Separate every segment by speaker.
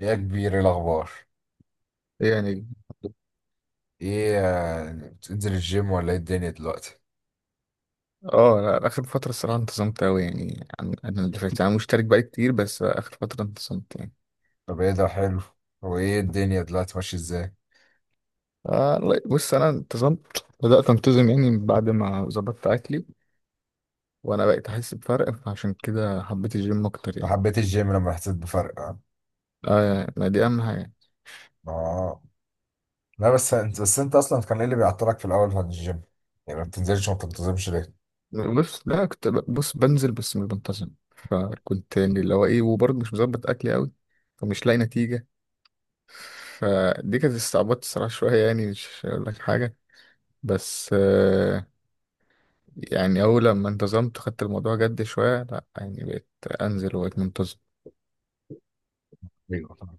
Speaker 1: ايه يا كبير، إيه الاخبار؟
Speaker 2: يعني
Speaker 1: ايه آه، بتنزل الجيم ولا ايه الدنيا دلوقتي؟
Speaker 2: اه لا اخر فترة الصراحة انتظمت اوي يعني عن انا اللي فاتت، انا مشترك بقالي كتير بس اخر فترة انتظمت يعني.
Speaker 1: طب ايه ده، حلو. هو ايه الدنيا دلوقتي ماشيه ازاي؟
Speaker 2: لا، بص انا انتظمت، بدأت انتظم يعني بعد ما ظبطت اكلي وانا بقيت احس بفرق، فعشان كده حبيت الجيم اكتر
Speaker 1: أنت
Speaker 2: يعني.
Speaker 1: حبيت الجيم لما حسيت بفرق، اه؟
Speaker 2: اه، ما دي اهم حاجة.
Speaker 1: آه. لا بس انت اصلا كان ايه اللي بيعطلك في الاول عن الجيم؟ يعني ما بتنزلش وما بتنتظمش ليه؟
Speaker 2: بص، لا كنت بص بنزل بس مش بنتظم، فكنت يعني اللي هو ايه، وبرضه مش مظبط اكلي اوي فمش لاقي نتيجة. فدي كانت استعبطت الصراحة شوية، يعني مش هقول لك حاجة. بس يعني أول لما انتظمت، خدت الموضوع جد شوية، لأ يعني بقيت أنزل وبقيت منتظم.
Speaker 1: ايوه طبعا.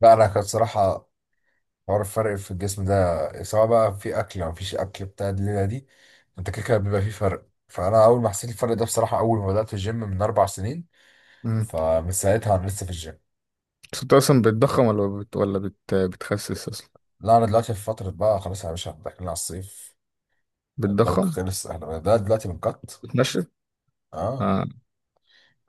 Speaker 1: لا انا كان صراحه حوار الفرق في الجسم ده، سواء بقى في اكل او مفيش اكل بتاع الليله دي، انت كده كده بيبقى فيه فرق، فانا اول ما حسيت الفرق ده بصراحه اول ما بدات الجيم من 4 سنين،
Speaker 2: مم.
Speaker 1: فمن ساعتها انا لسه في الجيم.
Speaker 2: بس أنت أصلا بتضخم ولا بتخسس أصلا؟
Speaker 1: لا انا دلوقتي في فتره بقى، خلاص يا باشا داخلين على الصيف، البلك
Speaker 2: بتضخم؟
Speaker 1: خلص، احنا ده دلوقتي بنقط.
Speaker 2: بتنشف؟
Speaker 1: اه،
Speaker 2: آه.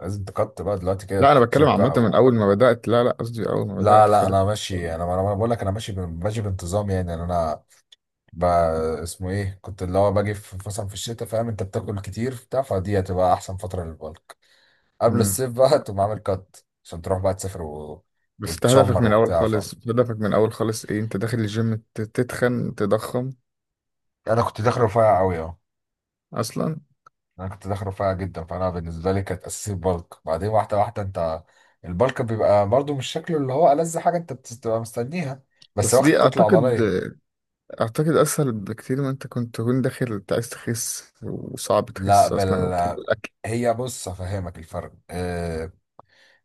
Speaker 1: لازم تقط بقى دلوقتي كده،
Speaker 2: لا أنا بتكلم
Speaker 1: التنشيف
Speaker 2: عامة
Speaker 1: بقى
Speaker 2: من
Speaker 1: و...
Speaker 2: أول ما بدأت، لا، قصدي أول ما
Speaker 1: لا
Speaker 2: بدأت
Speaker 1: لا
Speaker 2: خالص.
Speaker 1: انا ماشي، انا انا أنا بقول لك انا ماشي ماشي بانتظام، يعني انا بقى اسمه ايه، كنت اللي هو باجي في مثلا في الشتاء، فاهم؟ انت بتاكل كتير بتاع، فدي هتبقى احسن فتره للبلك قبل
Speaker 2: مم.
Speaker 1: الصيف بقى تقوم عامل قط عشان تروح بقى تسافر و...
Speaker 2: بس انت هدفك
Speaker 1: وتشمر
Speaker 2: من الاول
Speaker 1: وبتاع، فاهم؟
Speaker 2: خالص، ايه؟ انت داخل الجيم تتخن، تضخم
Speaker 1: انا كنت داخل رفيع قوي، اه.
Speaker 2: اصلا؟
Speaker 1: انا كنت داخل رفيع جدا، فانا بالنسبه لي كانت اساسي البلك، بعدين واحده واحده. انت البلك بيبقى برضو مش شكله اللي هو ألذ حاجه انت بتبقى مستنيها، بس
Speaker 2: بس
Speaker 1: واخد
Speaker 2: دي
Speaker 1: كتله
Speaker 2: اعتقد،
Speaker 1: عضليه.
Speaker 2: اسهل بكتير ما انت كنت تكون داخل انت عايز تخس وصعب
Speaker 1: لا
Speaker 2: تخس
Speaker 1: بل،
Speaker 2: اصلا وبتحب الاكل.
Speaker 1: هي بص افهمك الفرق.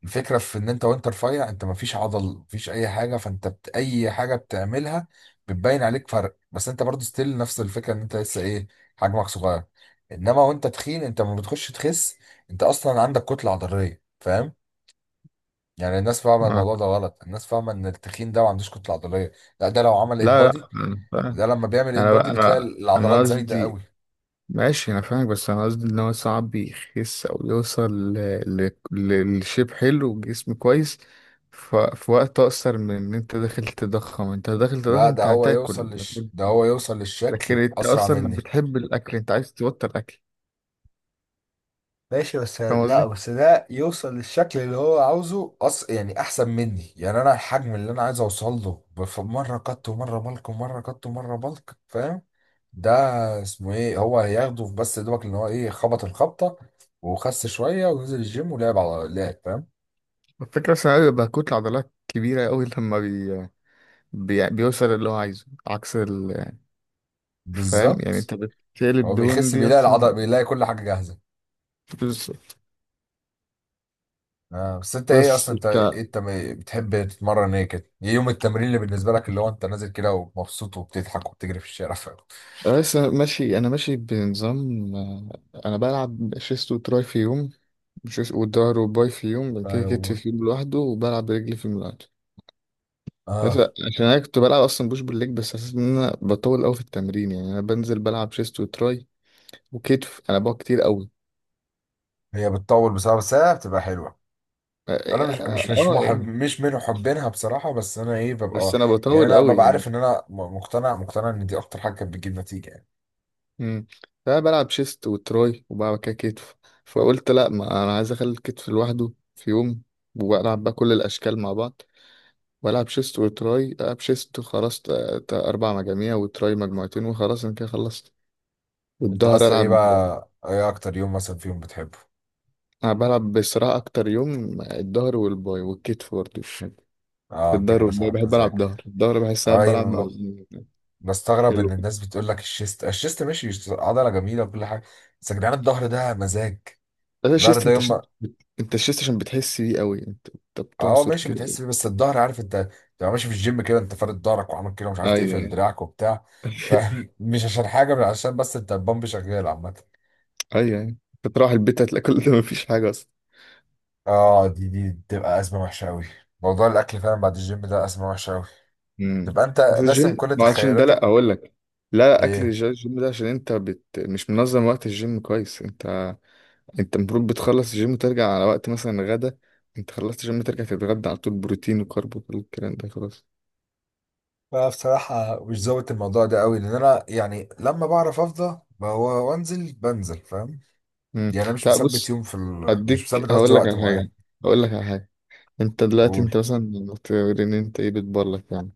Speaker 1: الفكره في ان انت وانت رفيع، انت مفيش عضل مفيش اي حاجه، فانت اي حاجه بتعملها بتبين عليك فرق، بس انت برضو ستيل نفس الفكره ان انت لسه ايه، حجمك صغير. انما وانت تخين، انت لما بتخش تخس انت اصلا عندك كتله عضليه، فاهم؟ يعني الناس فاهمه
Speaker 2: اه.
Speaker 1: الموضوع ده غلط، الناس فاهمه ان التخين ده ما عندوش كتله عضليه. لا ده لو عمل
Speaker 2: لا،
Speaker 1: امبادي،
Speaker 2: انا فاهم.
Speaker 1: ده لما بيعمل
Speaker 2: انا
Speaker 1: امبادي
Speaker 2: بقى
Speaker 1: بتلاقي
Speaker 2: انا انا
Speaker 1: العضلات زايده قوي.
Speaker 2: قصدي، ماشي انا فاهمك، بس انا قصدي ان هو صعب يخس او يوصل لشيب حلو وجسم كويس في وقت اقصر من ان انت داخل تضخم.
Speaker 1: لا ده
Speaker 2: انت
Speaker 1: هو
Speaker 2: هتاكل،
Speaker 1: يوصل ده هو يوصل
Speaker 2: لكن
Speaker 1: للشكل
Speaker 2: انت
Speaker 1: اسرع
Speaker 2: اصلا
Speaker 1: مني.
Speaker 2: بتحب الاكل، انت عايز تبطل اكل؟
Speaker 1: ماشي بس
Speaker 2: فاهم
Speaker 1: لا
Speaker 2: قصدي.
Speaker 1: بس ده يوصل للشكل اللي هو عاوزه، يعني احسن مني، يعني انا الحجم اللي انا عايز اوصل له مره كت ومره بلك ومره كت ومره بلك، فاهم؟ ده اسمه ايه، هو هياخده بس دوبك ان هو ايه خبط الخبطه وخس شويه ونزل الجيم ولعب على لعب، فاهم؟
Speaker 2: الفكره بس انا بيبقى كتله عضلات كبيره قوي لما بيوصل اللي هو عايزه، عكس فاهم يعني؟
Speaker 1: بالظبط.
Speaker 2: انت بتقلب
Speaker 1: هو
Speaker 2: دهون
Speaker 1: بيخس
Speaker 2: دي
Speaker 1: بيلاقي
Speaker 2: اصلا.
Speaker 1: العضل، بيلاقي كل حاجه جاهزه.
Speaker 2: بس
Speaker 1: آه بس انت ايه
Speaker 2: بس
Speaker 1: اصلا، انت ايه
Speaker 2: بتاع.
Speaker 1: انت بتحب تتمرن ايه كده، ايه يوم التمرين اللي بالنسبه لك اللي هو انت نازل كده ومبسوط وبتضحك وبتجري في الشارع فاهم؟
Speaker 2: بس أنا ماشي، انا ماشي بنظام. آه، انا بلعب شيست وتراي في يوم، شيست وظهر وباي في يوم، بعد كده كتف
Speaker 1: فلو
Speaker 2: في يوم لوحده، وبلعب رجلي في يوم لوحده. بس
Speaker 1: اه،
Speaker 2: عشان انا كنت بلعب اصلا بوش بالليج، بس حسيت ان انا بطول قوي في التمرين، يعني انا بنزل بلعب شيست وتراي وكتف، انا بقى كتير قوي.
Speaker 1: هي بتطول بصراحه بس هي بتبقى حلوه.
Speaker 2: اه.
Speaker 1: انا مش
Speaker 2: آه،
Speaker 1: محب،
Speaker 2: يعني
Speaker 1: مش من محبينها بصراحه، بس انا ايه
Speaker 2: بس
Speaker 1: ببقى
Speaker 2: انا
Speaker 1: يعني،
Speaker 2: بطول
Speaker 1: انا
Speaker 2: قوي
Speaker 1: ببقى
Speaker 2: يعني.
Speaker 1: عارف ان انا مقتنع، مقتنع ان دي اكتر حاجه كانت بتجيب نتيجه يعني.
Speaker 2: امم. فأنا بلعب شيست وتراي وبعد كده كتف، فقلت لا، ما انا عايز اخلي الكتف لوحده في يوم، والعب بقى كل الاشكال مع بعض، والعب شيست وتراي، العب شيست خلاص 4 مجاميع وتراي مجموعتين وخلاص انا كده خلصت،
Speaker 1: انت
Speaker 2: والظهر
Speaker 1: اصلا ايه
Speaker 2: العب.
Speaker 1: بقى، ايه اكتر يوم مثلا فيهم بتحبه؟
Speaker 2: انا بلعب بصراحه اكتر يوم الظهر والباي والكتف برضه
Speaker 1: اه، انت
Speaker 2: الظهر
Speaker 1: كده
Speaker 2: والباي
Speaker 1: صاحب
Speaker 2: بحب
Speaker 1: مزاج.
Speaker 2: العب ظهر، الظهر بحس إن انا بلعب مع،
Speaker 1: اه، بستغرب ان
Speaker 2: حلو
Speaker 1: الناس بتقول لك الشيست الشيست، ماشي عضله جميله وكل حاجه، بس يا جدعان الظهر ده مزاج.
Speaker 2: ده
Speaker 1: الظهر
Speaker 2: الشيست،
Speaker 1: ده
Speaker 2: انت
Speaker 1: يوم
Speaker 2: شيست، انت الشيست عشان بتحس بيه قوي، انت
Speaker 1: اه
Speaker 2: بتعصر
Speaker 1: ماشي،
Speaker 2: كده.
Speaker 1: بتحس بيه بس الظهر عارف انت، تبقى ماشي في الجيم كده انت فارد ظهرك وعامل كده، مش عارف
Speaker 2: ايوه
Speaker 1: تقفل
Speaker 2: ايوه
Speaker 1: دراعك وبتاع، فاهم؟ مش عشان حاجه، بل عشان بس انت البامب شغال عامه.
Speaker 2: ايوه ايوه، انت تروح البيت هتلاقي كل ده مفيش حاجه اصلا.
Speaker 1: اه، دي بتبقى ازمه وحشه قوي، موضوع الاكل فعلا بعد الجيم ده ازمه وحشه قوي.
Speaker 2: امم.
Speaker 1: تبقى انت
Speaker 2: بس
Speaker 1: راسم
Speaker 2: الجيم
Speaker 1: كل
Speaker 2: ما عشان ده، لا
Speaker 1: تخيلاتك.
Speaker 2: اقول لك، لا لا، اكل
Speaker 1: ايه
Speaker 2: الجيم ده، عشان انت مش منظم وقت الجيم كويس انت، انت المفروض بتخلص الجيم وترجع على وقت مثلا غدا، انت خلصت الجيم ترجع تتغدى على طول، بروتين وكارب وكل الكلام ده خلاص.
Speaker 1: بقى، بصراحة مش ظابط الموضوع ده قوي، لأن أنا يعني لما بعرف أفضى هو وأنزل بنزل، فاهم؟
Speaker 2: امم.
Speaker 1: يعني انا مش
Speaker 2: لا
Speaker 1: مثبت
Speaker 2: بص،
Speaker 1: يوم مش
Speaker 2: هديك
Speaker 1: مثبت، قصدي
Speaker 2: هقول لك
Speaker 1: وقت
Speaker 2: على
Speaker 1: معين.
Speaker 2: حاجه، هقول لك على حاجه انت دلوقتي
Speaker 1: قول.
Speaker 2: انت مثلا بتقول ان انت ايه، بتبرلك يعني،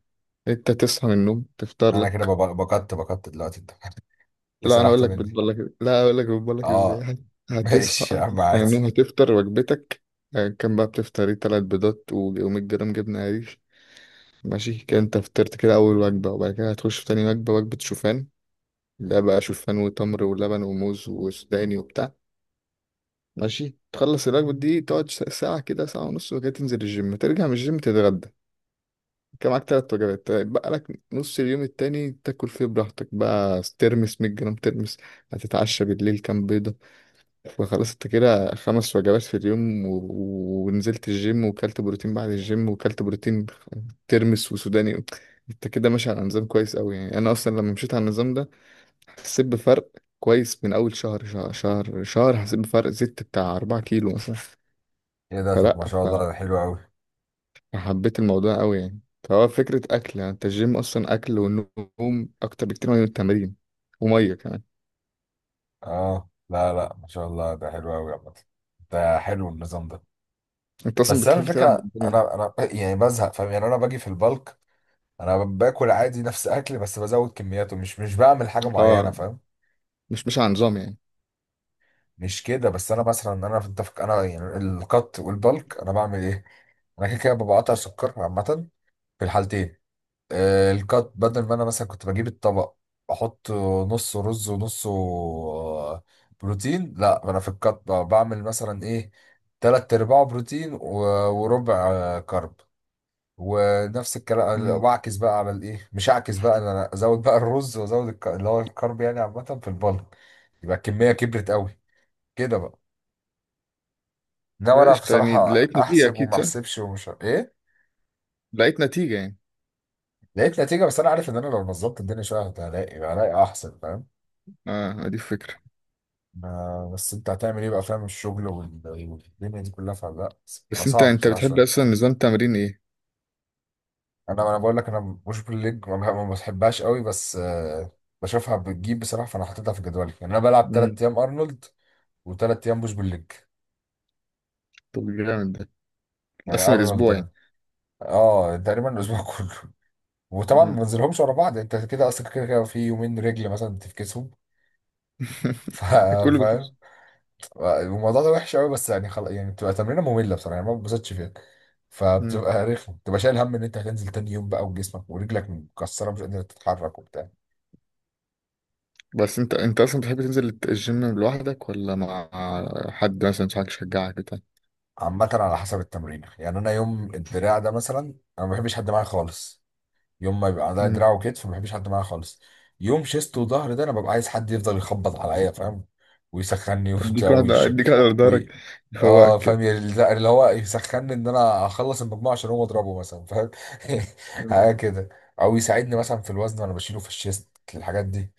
Speaker 2: انت تصحى من النوم تفطر
Speaker 1: انا كده
Speaker 2: لك.
Speaker 1: بقدت بقدت دلوقتي انت انت
Speaker 2: لا انا اقول
Speaker 1: سرحت
Speaker 2: لك
Speaker 1: مني.
Speaker 2: بتبرلك لا اقول لك بتبرلك ازاي
Speaker 1: اه،
Speaker 2: هتصحى،
Speaker 1: ماشي يا عم
Speaker 2: تصحى من
Speaker 1: عادي.
Speaker 2: النوم هتفطر وجبتك، اه، كان بقى بتفطر ايه، 3 بيضات و100 جرام جبنة قريش، ماشي كده انت فطرت كده اول وجبة، وبعد كده هتخش في تاني وجبة، وجبة شوفان، ده بقى شوفان وتمر ولبن وموز وسوداني وبتاع، ماشي تخلص الوجبة دي تقعد ساعة كده، ساعة ونص وكده، تنزل الجيم، ترجع من الجيم تتغدى، كان معاك 3 وجبات، طيب بقى لك نص اليوم التاني تاكل فيه براحتك، بقى ترمس، 100 جرام ترمس، هتتعشى بالليل كام بيضة، فخلاص انت كده 5 وجبات في اليوم ونزلت الجيم وكلت بروتين، بعد الجيم وكلت بروتين، ترمس وسوداني، انت كده ماشي على نظام كويس قوي يعني، انا اصلا لما مشيت على النظام ده حسيت بفرق كويس من اول شهر، شهر حسيت بفرق زدت بتاع 4 كيلو مثلا،
Speaker 1: ايه ده، طب
Speaker 2: فلا،
Speaker 1: ما شاء الله ده حلو قوي.
Speaker 2: حبيت الموضوع قوي يعني، فهو فكرة أكل، يعني أنت الجيم أصلا أكل ونوم أكتر بكتير من التمارين، و100 كمان.
Speaker 1: اه لا لا، ما شاء الله ده حلو قوي عامة، ده حلو النظام ده.
Speaker 2: أنت أصلا
Speaker 1: بس انا
Speaker 2: بتحب تلعب
Speaker 1: الفكرة،
Speaker 2: بالدنيا.
Speaker 1: انا انا يعني بزهق فاهم، يعني انا باجي في البلك انا باكل عادي نفس اكلي، بس بزود كمياته، مش بعمل حاجة معينة،
Speaker 2: أه،
Speaker 1: فاهم؟
Speaker 2: مش على نظام يعني.
Speaker 1: مش كده، بس انا مثلا انا في التفك، انا يعني القط والبلك انا بعمل ايه، انا كده كده بقطع سكر عامه في الحالتين. آه، القط بدل ما انا مثلا كنت بجيب الطبق، احط نص رز ونص بروتين. لا انا في القط بعمل مثلا ايه، تلات ارباع بروتين وربع كرب، ونفس الكلام
Speaker 2: امم.
Speaker 1: واعكس بقى على الايه، مش اعكس بقى، انا ازود بقى الرز وازود اللي هو الكرب، يعني عامه في البلك يبقى الكميه كبرت قوي كده بقى. انما انا
Speaker 2: قشطة، يعني
Speaker 1: بصراحه
Speaker 2: لقيت نتيجة
Speaker 1: احسب
Speaker 2: أكيد
Speaker 1: وما
Speaker 2: صح؟
Speaker 1: احسبش ومش ايه.
Speaker 2: لقيت نتيجة يعني.
Speaker 1: لقيت نتيجه، بس انا عارف ان انا لو نظبط الدنيا شويه هلاقي، هلاقي احسن، فاهم؟
Speaker 2: أه دي الفكرة.
Speaker 1: بس انت هتعمل ايه بقى، فاهم الشغل والدنيا دي كلها، فلا. بقى
Speaker 2: بس أنت
Speaker 1: صعب بصراحه
Speaker 2: بتحب
Speaker 1: شويه،
Speaker 2: أصلا نظام تمرين إيه؟
Speaker 1: انا انا بقول لك انا مش بالليج ما بحبهاش قوي بس بشوفها بتجيب بصراحه، فانا حاططها في جدولي، يعني انا بلعب
Speaker 2: امم.
Speaker 1: 3 ايام ارنولد وثلاث ايام مش بالليج.
Speaker 2: طب جامد ده،
Speaker 1: يعني
Speaker 2: قسم
Speaker 1: ارنولد
Speaker 2: الأسبوع يعني.
Speaker 1: ده اه تقريبا الاسبوع كله، وطبعا ما
Speaker 2: امم
Speaker 1: بنزلهمش ورا بعض، يعني انت كده اصلا كده كده في يومين رجل مثلا تفكسهم. ف-
Speaker 2: كله
Speaker 1: فاهم؟
Speaker 2: بيخش.
Speaker 1: الموضوع ده وحش قوي، بس يعني خلاص، يعني بتبقى تمرينه ممله بصراحه، يعني ما بتبسطش فيها،
Speaker 2: امم.
Speaker 1: فبتبقى رخمه، بتبقى شايل هم ان انت هتنزل تاني يوم بقى وجسمك ورجلك مكسره، مش قادر تتحرك وبتاع.
Speaker 2: بس أنت أصلا بتحب تنزل الجيم لوحدك ولا مع حد مثلا، صاحبك يشجعك بتاع،
Speaker 1: عامه على حسب التمرين، يعني انا يوم الدراع ده مثلا انا ما بحبش حد معايا خالص، يوم ما بيبقى عندها دراع وكتف ما بحبش حد معايا خالص. يوم شيست وظهر ده انا ببقى عايز حد يفضل يخبط عليا، فاهم؟ ويسخني وبتاع
Speaker 2: اديك واحدة،
Speaker 1: ويش
Speaker 2: بدارك
Speaker 1: وي... اه
Speaker 2: يفوقك
Speaker 1: فاهم
Speaker 2: كده.
Speaker 1: يعني، اللي هو يسخني ان انا اخلص المجموعه عشان هو اضربه مثلا، فاهم؟ حاجه
Speaker 2: مم.
Speaker 1: كده، او يساعدني مثلا في الوزن وانا بشيله في الشيست الحاجات دي،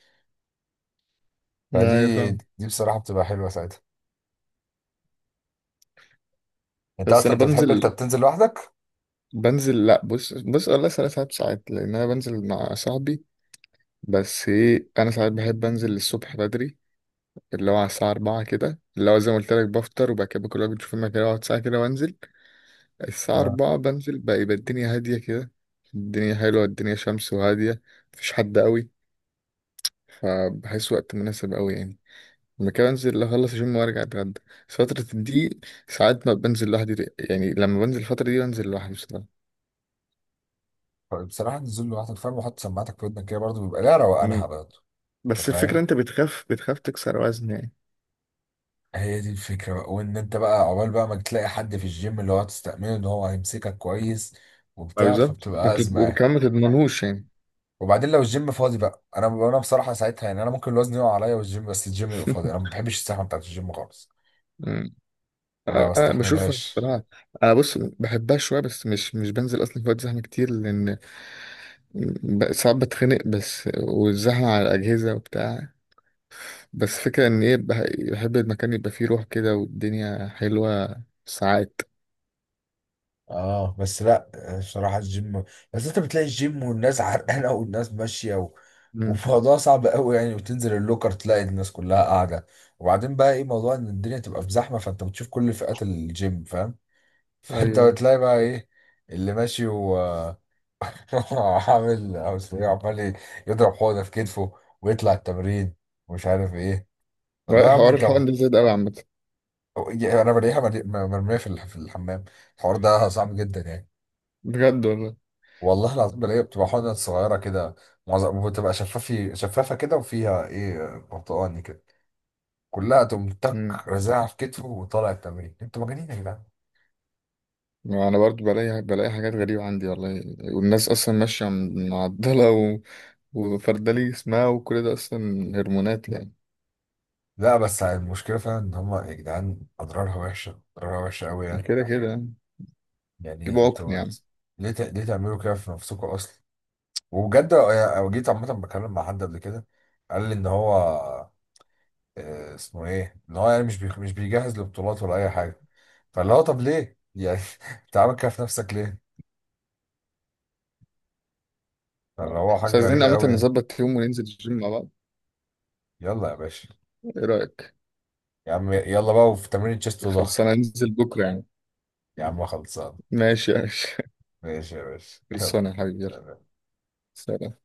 Speaker 2: ما هي
Speaker 1: فدي
Speaker 2: فاهم.
Speaker 1: دي بصراحه بتبقى حلوه ساعتها. انت
Speaker 2: بس
Speaker 1: اصلا
Speaker 2: انا
Speaker 1: انت بتحب، انت
Speaker 2: بنزل،
Speaker 1: بتنزل لوحدك؟
Speaker 2: لا بص، والله 3 ساعات، لان انا بنزل مع صاحبي، بس ايه، انا ساعات بحب انزل الصبح بدري اللي هو على الساعة 4 كده، اللي هو زي ما قلت لك بفطر وبعد كده كل واحد بيشوف المكان، اقعد ساعة كده وانزل، الساعة
Speaker 1: اه
Speaker 2: 4 بنزل بقى، يبقى الدنيا هادية كده، الدنيا حلوة، الدنيا شمس وهادية، مفيش حد قوي، فبحس وقت مناسب قوي يعني، ممكن انزل اخلص الجيم وارجع اتغدى. بس فترة دي ساعات ما بنزل لوحدي يعني، لما بنزل الفترة دي بنزل لوحدي بصراحة.
Speaker 1: بصراحه نزول لوحدك فاهم، وحط سماعتك في ودنك كده برضه بيبقى لها روقانها
Speaker 2: مم.
Speaker 1: برضه. انت
Speaker 2: بس الفكرة
Speaker 1: فاهم،
Speaker 2: انت بتخاف تكسر وزن يعني.
Speaker 1: هي دي الفكرة بقى، وان انت بقى عقبال بقى ما تلاقي حد في الجيم اللي هو تستأمنه ان هو هيمسكك كويس
Speaker 2: ما
Speaker 1: وبتاع،
Speaker 2: بالظبط ما
Speaker 1: فبتبقى أزمة يعني.
Speaker 2: وكمان ما تضمنهوش يعني.
Speaker 1: وبعدين لو الجيم فاضي بقى، انا انا بصراحة ساعتها يعني انا ممكن الوزن يقع عليا والجيم بس الجيم يبقى فاضي، انا ما بحبش الزحمة بتاعت الجيم خالص،
Speaker 2: أمم.
Speaker 1: ما
Speaker 2: آه، آه، بشوفها
Speaker 1: بستحملهاش.
Speaker 2: بصراحة، أنا بص بحبها شوية بس مش بنزل أصلا في وقت زحمة كتير، لأن ساعات بتخنق بس والزحمة على الأجهزة وبتاع، بس فكرة إن إيه، بحب المكان يبقى فيه روح كده والدنيا حلوة ساعات.
Speaker 1: اه بس لا، بصراحة الجيم، بس انت بتلاقي الجيم والناس عرقانة والناس ماشية و...
Speaker 2: أمم.
Speaker 1: وموضوع صعب قوي يعني، وتنزل اللوكر تلاقي الناس كلها قاعدة. وبعدين بقى ايه موضوع ان الدنيا تبقى في زحمة، فانت بتشوف كل فئات الجيم، فاهم؟ فانت
Speaker 2: أيوه.
Speaker 1: بتلاقي بقى ايه اللي ماشي وعامل او ايه، عمال يضرب حوضه في كتفه ويطلع التمرين، ومش عارف ايه. والله
Speaker 2: لا،
Speaker 1: يا عم
Speaker 2: حوار
Speaker 1: انت،
Speaker 2: الحقن ده زاد قوي عامة.
Speaker 1: انا بلاقيها مرميه في الحمام، الحوار ده صعب جدا يعني.
Speaker 2: بجد والله.
Speaker 1: والله العظيم بلاقيها بتبقى حوضه صغيره كده، معظم بتبقى شفافه كده وفيها ايه برتقاني كده، كلها تقوم تك
Speaker 2: مم.
Speaker 1: رازعها في كتفه وطالع التمرين، انتوا مجانين يا جدعان.
Speaker 2: ما انا برضو بلاقي، حاجات غريبة عندي والله، والناس اصلا ماشية معضلة وفردلي اسمها وكل ده اصلا هرمونات يعني،
Speaker 1: لا بس المشكله فعلا ان هم يا جدعان اضرارها وحشه، اضرارها وحشه قوي يعني،
Speaker 2: كده كده يعني،
Speaker 1: يعني
Speaker 2: يبقى عقم
Speaker 1: انتوا
Speaker 2: يعني.
Speaker 1: ليه تعملوا كده في نفسكم اصلا؟ وبجد أنا جيت عامه بكلم مع حد قبل كده، قال لي ان هو آه اسمه ايه، ان هو يعني مش بيجهز لبطولات ولا اي حاجه، فاللي هو طب ليه يعني انت عامل كده في نفسك ليه؟ فاللي هو
Speaker 2: بس
Speaker 1: حاجه
Speaker 2: عايزين
Speaker 1: غريبه
Speaker 2: عامة
Speaker 1: قوي يعني.
Speaker 2: نظبط يوم وننزل الجيم مع بعض،
Speaker 1: يلا يا باشا.
Speaker 2: ايه رأيك؟
Speaker 1: يا عم يلا بقى، وفي تمرين تشيست وظهر.
Speaker 2: خلصانة ننزل بكرة يعني؟
Speaker 1: يا عم خلصان.
Speaker 2: ماشي يا باشا
Speaker 1: ماشي يا باشا يلا.
Speaker 2: خلصانة يا حبيبي، يلا،
Speaker 1: سلام.
Speaker 2: سلام.